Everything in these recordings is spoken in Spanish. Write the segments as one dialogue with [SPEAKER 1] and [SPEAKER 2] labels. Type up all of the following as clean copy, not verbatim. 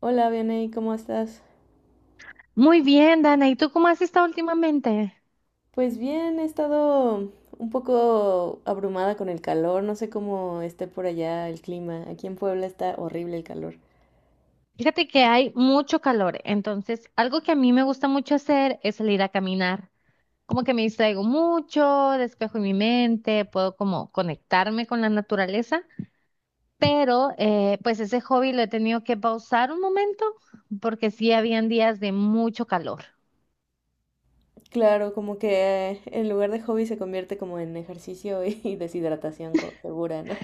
[SPEAKER 1] Hola, Vianey, ¿cómo estás?
[SPEAKER 2] Muy bien, Dana. ¿Y tú cómo has estado últimamente?
[SPEAKER 1] Pues bien, he estado un poco abrumada con el calor, no sé cómo esté por allá el clima. Aquí en Puebla está horrible el calor.
[SPEAKER 2] Fíjate que hay mucho calor, entonces algo que a mí me gusta mucho hacer es salir a caminar. Como que me distraigo mucho, despejo mi mente, puedo como conectarme con la naturaleza, pero pues ese hobby lo he tenido que pausar un momento porque sí habían días de mucho calor.
[SPEAKER 1] Claro, como que en lugar de hobby se convierte como en ejercicio y deshidratación segura, ¿no?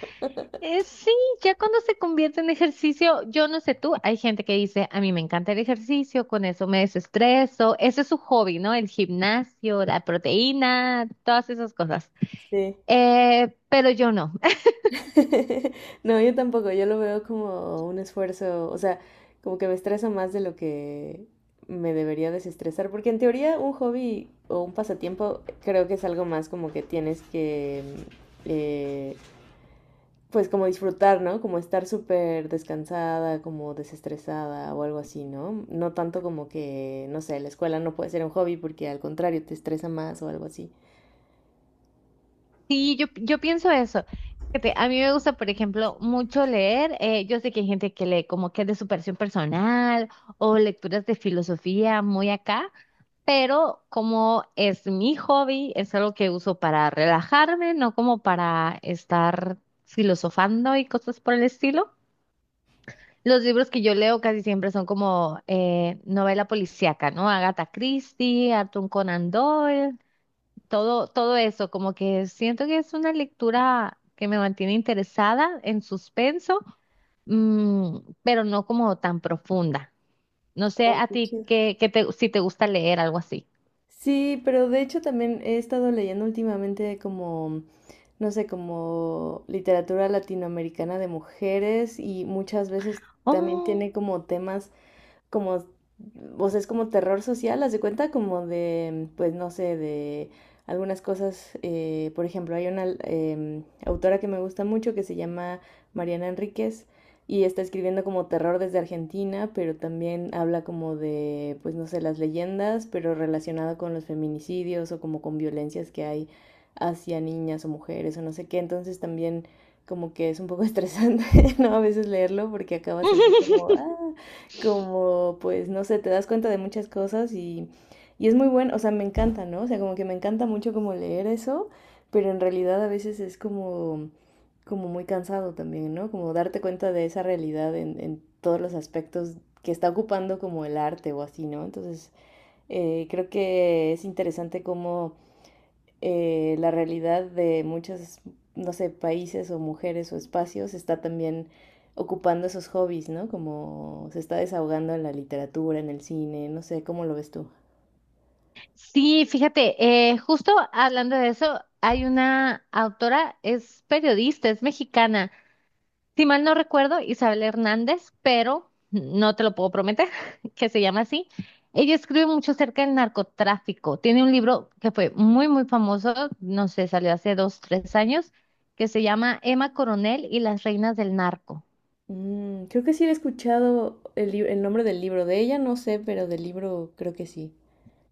[SPEAKER 2] Sí, ya cuando se convierte en ejercicio, yo no sé tú, hay gente que dice, a mí me encanta el ejercicio, con eso me desestreso, ese es su hobby, ¿no? El gimnasio, la proteína, todas esas cosas.
[SPEAKER 1] Sí.
[SPEAKER 2] Pero yo no.
[SPEAKER 1] No, yo tampoco, yo lo veo como un esfuerzo, o sea, como que me estresa más de lo que me debería desestresar, porque en teoría un hobby o un pasatiempo creo que es algo más como que tienes que, mm, eh, pues como disfrutar, ¿no? Como estar súper descansada, como desestresada o algo así, ¿no? No tanto como que, no sé, la escuela no puede ser un hobby porque al contrario te estresa más o algo así.
[SPEAKER 2] Sí, yo pienso eso. Fíjate, a mí me gusta, por ejemplo, mucho leer. Yo sé que hay gente que lee como que es de superación personal o lecturas de filosofía muy acá. Pero como es mi hobby, es algo que uso para relajarme, no como para estar filosofando y cosas por el estilo. Los libros que yo leo casi siempre son como novela policíaca, ¿no? Agatha Christie, Arthur Conan Doyle, todo eso, como que siento que es una lectura que me mantiene interesada en suspenso, pero no como tan profunda. No sé
[SPEAKER 1] Oh,
[SPEAKER 2] a
[SPEAKER 1] qué
[SPEAKER 2] ti
[SPEAKER 1] chido.
[SPEAKER 2] qué, si te gusta leer algo así.
[SPEAKER 1] Sí, pero de hecho también he estado leyendo últimamente como no sé, como literatura latinoamericana de mujeres y muchas veces también
[SPEAKER 2] Oh.
[SPEAKER 1] tiene como temas como, o sea, es como terror social, haz de cuenta, como de, pues no sé, de algunas cosas, por ejemplo, hay una autora que me gusta mucho que se llama Mariana Enríquez y está escribiendo como terror desde Argentina, pero también habla como de, pues no sé, las leyendas, pero relacionado con los feminicidios o como con violencias que hay hacia niñas o mujeres o no sé qué, entonces también como que es un poco estresante, ¿no? A veces leerlo porque acabas así como, ah, como pues no sé, te das cuenta de muchas cosas y es muy bueno, o sea, me encanta, ¿no? O sea, como que me encanta mucho como leer eso, pero en realidad a veces es como, como muy cansado también, ¿no? Como darte cuenta de esa realidad en todos los aspectos que está ocupando como el arte o así, ¿no? Entonces, creo que es interesante cómo la realidad de muchos, no sé, países o mujeres o espacios está también ocupando esos hobbies, ¿no? Como se está desahogando en la literatura, en el cine, no sé, ¿cómo lo ves tú?
[SPEAKER 2] Sí, fíjate, justo hablando de eso, hay una autora, es periodista, es mexicana, si mal no recuerdo, Isabel Hernández, pero no te lo puedo prometer, que se llama así. Ella escribe mucho acerca del narcotráfico. Tiene un libro que fue muy, muy famoso, no sé, salió hace dos, tres años, que se llama Emma Coronel y las reinas del narco.
[SPEAKER 1] Mm, creo que sí he escuchado el nombre del libro, de ella no sé, pero del libro creo que sí.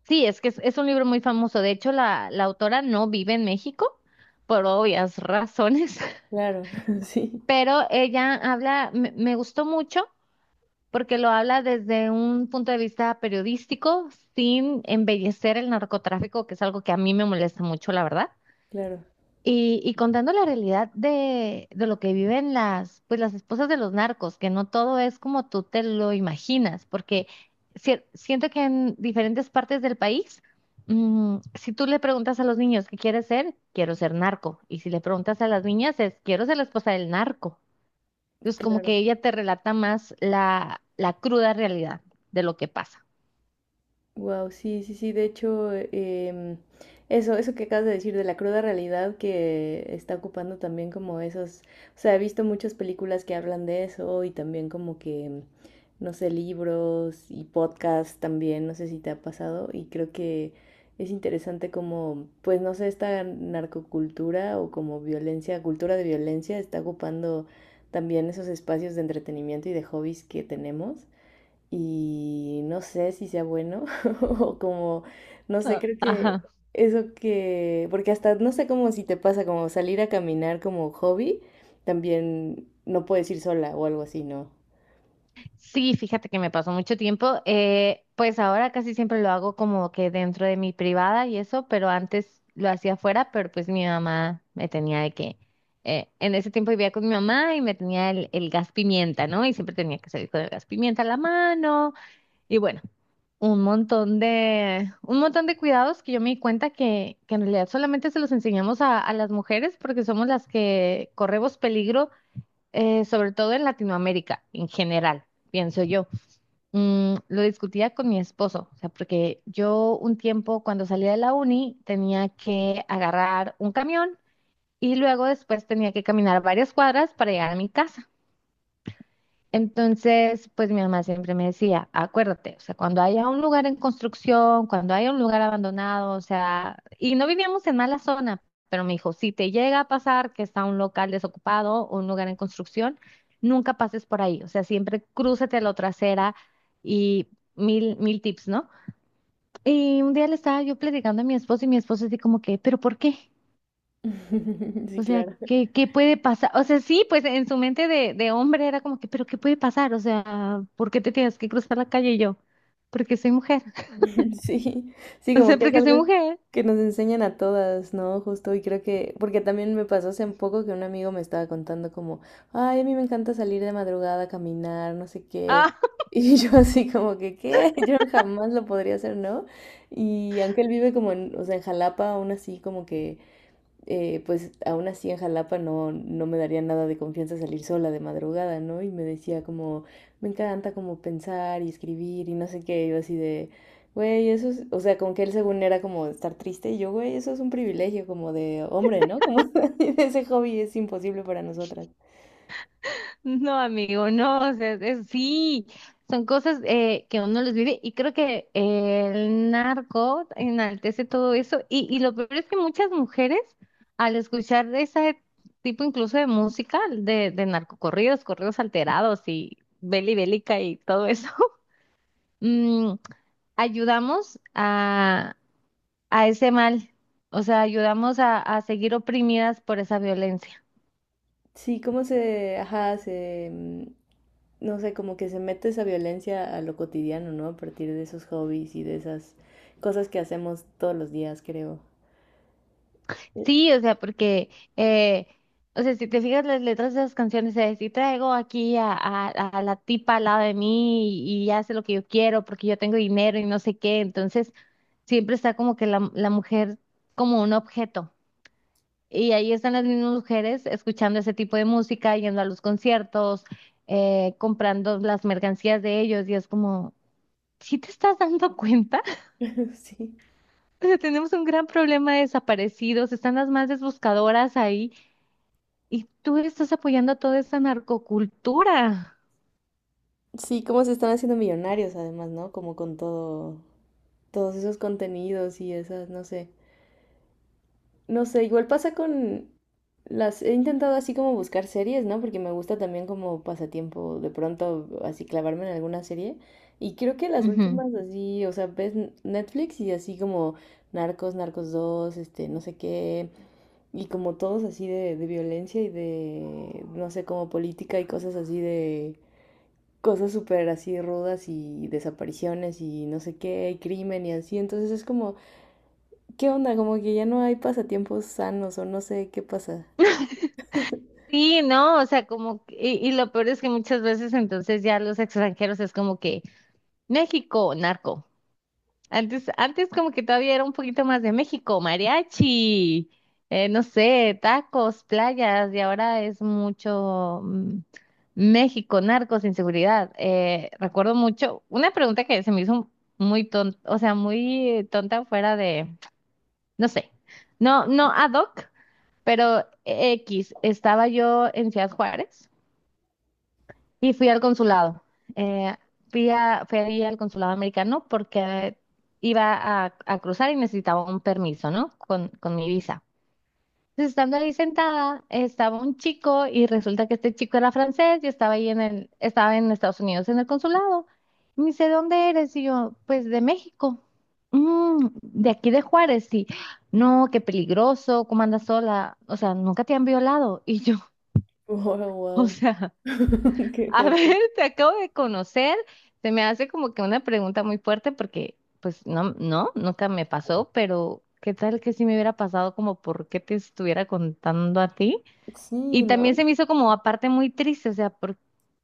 [SPEAKER 2] Sí, es que es un libro muy famoso. De hecho, la autora no vive en México por obvias razones.
[SPEAKER 1] Claro, sí,
[SPEAKER 2] Pero ella habla, me gustó mucho porque lo habla desde un punto de vista periodístico, sin embellecer el narcotráfico, que es algo que a mí me molesta mucho, la verdad.
[SPEAKER 1] claro,
[SPEAKER 2] Y contando la realidad de lo que viven pues las esposas de los narcos, que no todo es como tú te lo imaginas, porque siento que en diferentes partes del país, si tú le preguntas a los niños qué quieres ser, quiero ser narco, y si le preguntas a las niñas es, quiero ser la esposa del narco. Entonces, como
[SPEAKER 1] claro.
[SPEAKER 2] que ella te relata más la cruda realidad de lo que pasa.
[SPEAKER 1] Wow, sí, sí, sí. De hecho, eso que acabas de decir de la cruda realidad que está ocupando también como esos. O sea, he visto muchas películas que hablan de eso y también como que, no sé, libros y podcasts también. No sé si te ha pasado y creo que es interesante como, pues no sé, esta narcocultura o como violencia, cultura de violencia está ocupando también esos espacios de entretenimiento y de hobbies que tenemos y no sé si sea bueno o como, no sé,
[SPEAKER 2] Ah,
[SPEAKER 1] creo que
[SPEAKER 2] ajá.
[SPEAKER 1] eso que, porque hasta no sé cómo si te pasa como salir a caminar como hobby, también no puedes ir sola o algo así, ¿no?
[SPEAKER 2] Sí, fíjate que me pasó mucho tiempo. Pues ahora casi siempre lo hago como que dentro de mi privada y eso, pero antes lo hacía afuera, pero pues mi mamá me tenía de que, en ese tiempo vivía con mi mamá y me tenía el gas pimienta, ¿no? Y siempre tenía que salir con el gas pimienta a la mano. Y bueno, un montón de cuidados que yo me di cuenta que en realidad solamente se los enseñamos a las mujeres porque somos las que corremos peligro, sobre todo en Latinoamérica, en general, pienso yo. Lo discutía con mi esposo, o sea, porque yo un tiempo cuando salía de la uni tenía que agarrar un camión y luego después tenía que caminar varias cuadras para llegar a mi casa. Entonces, pues mi mamá siempre me decía, acuérdate, o sea, cuando haya un lugar en construcción, cuando haya un lugar abandonado, o sea, y no vivíamos en mala zona, pero me dijo, si te llega a pasar que está un local desocupado o un lugar en construcción, nunca pases por ahí, o sea, siempre crúzate a la trasera y mil, mil tips, ¿no? Y un día le estaba yo platicando a mi esposo y mi esposo así como que, ¿pero por qué?
[SPEAKER 1] Sí,
[SPEAKER 2] O sea,
[SPEAKER 1] claro.
[SPEAKER 2] ¿qué puede pasar? O sea, sí, pues en su mente de hombre era como que, pero ¿qué puede pasar? O sea, ¿por qué te tienes que cruzar la calle y yo? Porque soy mujer.
[SPEAKER 1] Sí, sí,
[SPEAKER 2] O
[SPEAKER 1] como
[SPEAKER 2] sea,
[SPEAKER 1] que es
[SPEAKER 2] porque soy
[SPEAKER 1] algo
[SPEAKER 2] mujer.
[SPEAKER 1] que nos enseñan a todas, ¿no? Justo, y creo que, porque también me pasó hace poco que un amigo me estaba contando como, ay, a mí me encanta salir de madrugada a caminar, no sé qué.
[SPEAKER 2] Ah,
[SPEAKER 1] Y yo así como que, ¿qué? Yo jamás lo podría hacer, ¿no? Y aunque él vive como en, o sea, en Jalapa, aún así como que pues aún así en Jalapa no me daría nada de confianza salir sola de madrugada, ¿no? Y me decía como, me encanta como pensar y escribir y no sé qué, yo así de, güey, eso es, o sea, como que él según era como estar triste y yo, güey, eso es un privilegio como de hombre, ¿no? Como ese hobby es imposible para nosotras.
[SPEAKER 2] no, amigo, no, o sea, sí, son cosas que uno los vive y creo que el narco enaltece todo eso y lo peor es que muchas mujeres al escuchar ese tipo incluso de música, de, narcocorridos, corridos alterados y beli bélica y todo eso. Ayudamos a ese mal, o sea, ayudamos a seguir oprimidas por esa violencia.
[SPEAKER 1] Sí, cómo ajá, no sé, como que se mete esa violencia a lo cotidiano, ¿no? A partir de esos hobbies y de esas cosas que hacemos todos los días, creo.
[SPEAKER 2] Sí, o sea, porque, eh, o sea, si te fijas las letras de esas canciones, si traigo aquí a la tipa al lado de mí y hace lo que yo quiero porque yo tengo dinero y no sé qué, entonces siempre está como que la mujer como un objeto. Y ahí están las mismas mujeres escuchando ese tipo de música, yendo a los conciertos, comprando las mercancías de ellos y es como, ¿si te estás dando cuenta?
[SPEAKER 1] Sí.
[SPEAKER 2] O sea, tenemos un gran problema de desaparecidos, están las madres buscadoras ahí y tú estás apoyando a toda esa narcocultura.
[SPEAKER 1] Sí, cómo se están haciendo millonarios además, ¿no? Como con todo, todos esos contenidos y esas, no sé. No sé, igual pasa con las... He intentado así como buscar series, ¿no? Porque me gusta también como pasatiempo de pronto así clavarme en alguna serie. Y creo que las
[SPEAKER 2] Ujú.
[SPEAKER 1] últimas así, o sea, ves Netflix y así como Narcos, Narcos dos este, no sé qué. Y como todos así de violencia y de, no sé, como política y cosas así de cosas súper así rudas y desapariciones y no sé qué, y crimen y así. Entonces es como, ¿qué onda? Como que ya no hay pasatiempos sanos o no sé qué pasa.
[SPEAKER 2] Sí, no, o sea, como, y lo peor es que muchas veces entonces ya los extranjeros es como que México, narco. Antes como que todavía era un poquito más de México, mariachi, no sé, tacos, playas, y ahora es mucho México, narcos, inseguridad. Recuerdo mucho una pregunta que se me hizo muy tonta, o sea, muy tonta fuera de, no sé, no, no ad hoc, pero X, estaba yo en Ciudad Juárez y fui al consulado. Eh, fui ahí al consulado americano porque iba a cruzar y necesitaba un permiso, ¿no? Con mi visa. Entonces, estando ahí sentada, estaba un chico y resulta que este chico era francés y estaba ahí estaba en Estados Unidos en el consulado. Y me dice, ¿dónde eres? Y yo, pues de México. "Mm, de aquí de Juárez, sí. No, qué peligroso, ¿cómo andas sola? O sea, nunca te han violado." Y yo,
[SPEAKER 1] Wow,
[SPEAKER 2] o
[SPEAKER 1] wow.
[SPEAKER 2] sea.
[SPEAKER 1] Qué
[SPEAKER 2] A
[SPEAKER 1] fuerte.
[SPEAKER 2] ver, te acabo de conocer. Se me hace como que una pregunta muy fuerte porque, pues, no, no, nunca me pasó, pero ¿qué tal que si me hubiera pasado como por qué te estuviera contando a ti?
[SPEAKER 1] Sí,
[SPEAKER 2] Y también
[SPEAKER 1] ¿no?
[SPEAKER 2] se me hizo como aparte muy triste, o sea, ¿por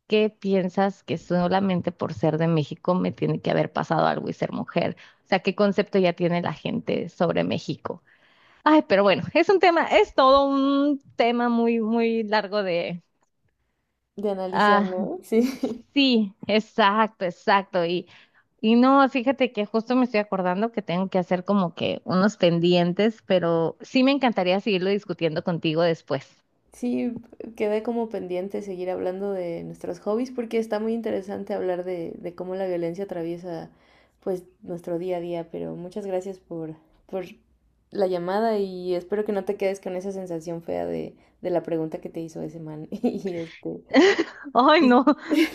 [SPEAKER 2] qué piensas que solamente por ser de México me tiene que haber pasado algo y ser mujer? O sea, ¿qué concepto ya tiene la gente sobre México? Ay, pero bueno, es un tema, es todo un tema muy, muy largo.
[SPEAKER 1] De analizar,
[SPEAKER 2] Ah,
[SPEAKER 1] ¿no? Sí.
[SPEAKER 2] sí, exacto, exacto. Y no, fíjate que justo me estoy acordando que tengo que hacer como que unos pendientes, pero sí me encantaría seguirlo discutiendo contigo después.
[SPEAKER 1] Sí, quedé como pendiente seguir hablando de nuestros hobbies porque está muy interesante hablar de cómo la violencia atraviesa pues nuestro día a día, pero muchas gracias por la llamada y espero que no te quedes con esa sensación fea de la pregunta que te hizo ese man. Y este,
[SPEAKER 2] Ay,
[SPEAKER 1] y-
[SPEAKER 2] no,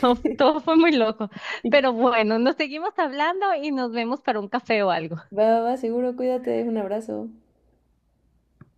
[SPEAKER 2] no, todo fue muy loco.
[SPEAKER 1] y-
[SPEAKER 2] Pero bueno, nos seguimos hablando y nos vemos para un café o algo.
[SPEAKER 1] va, va, va, seguro, cuídate, un abrazo.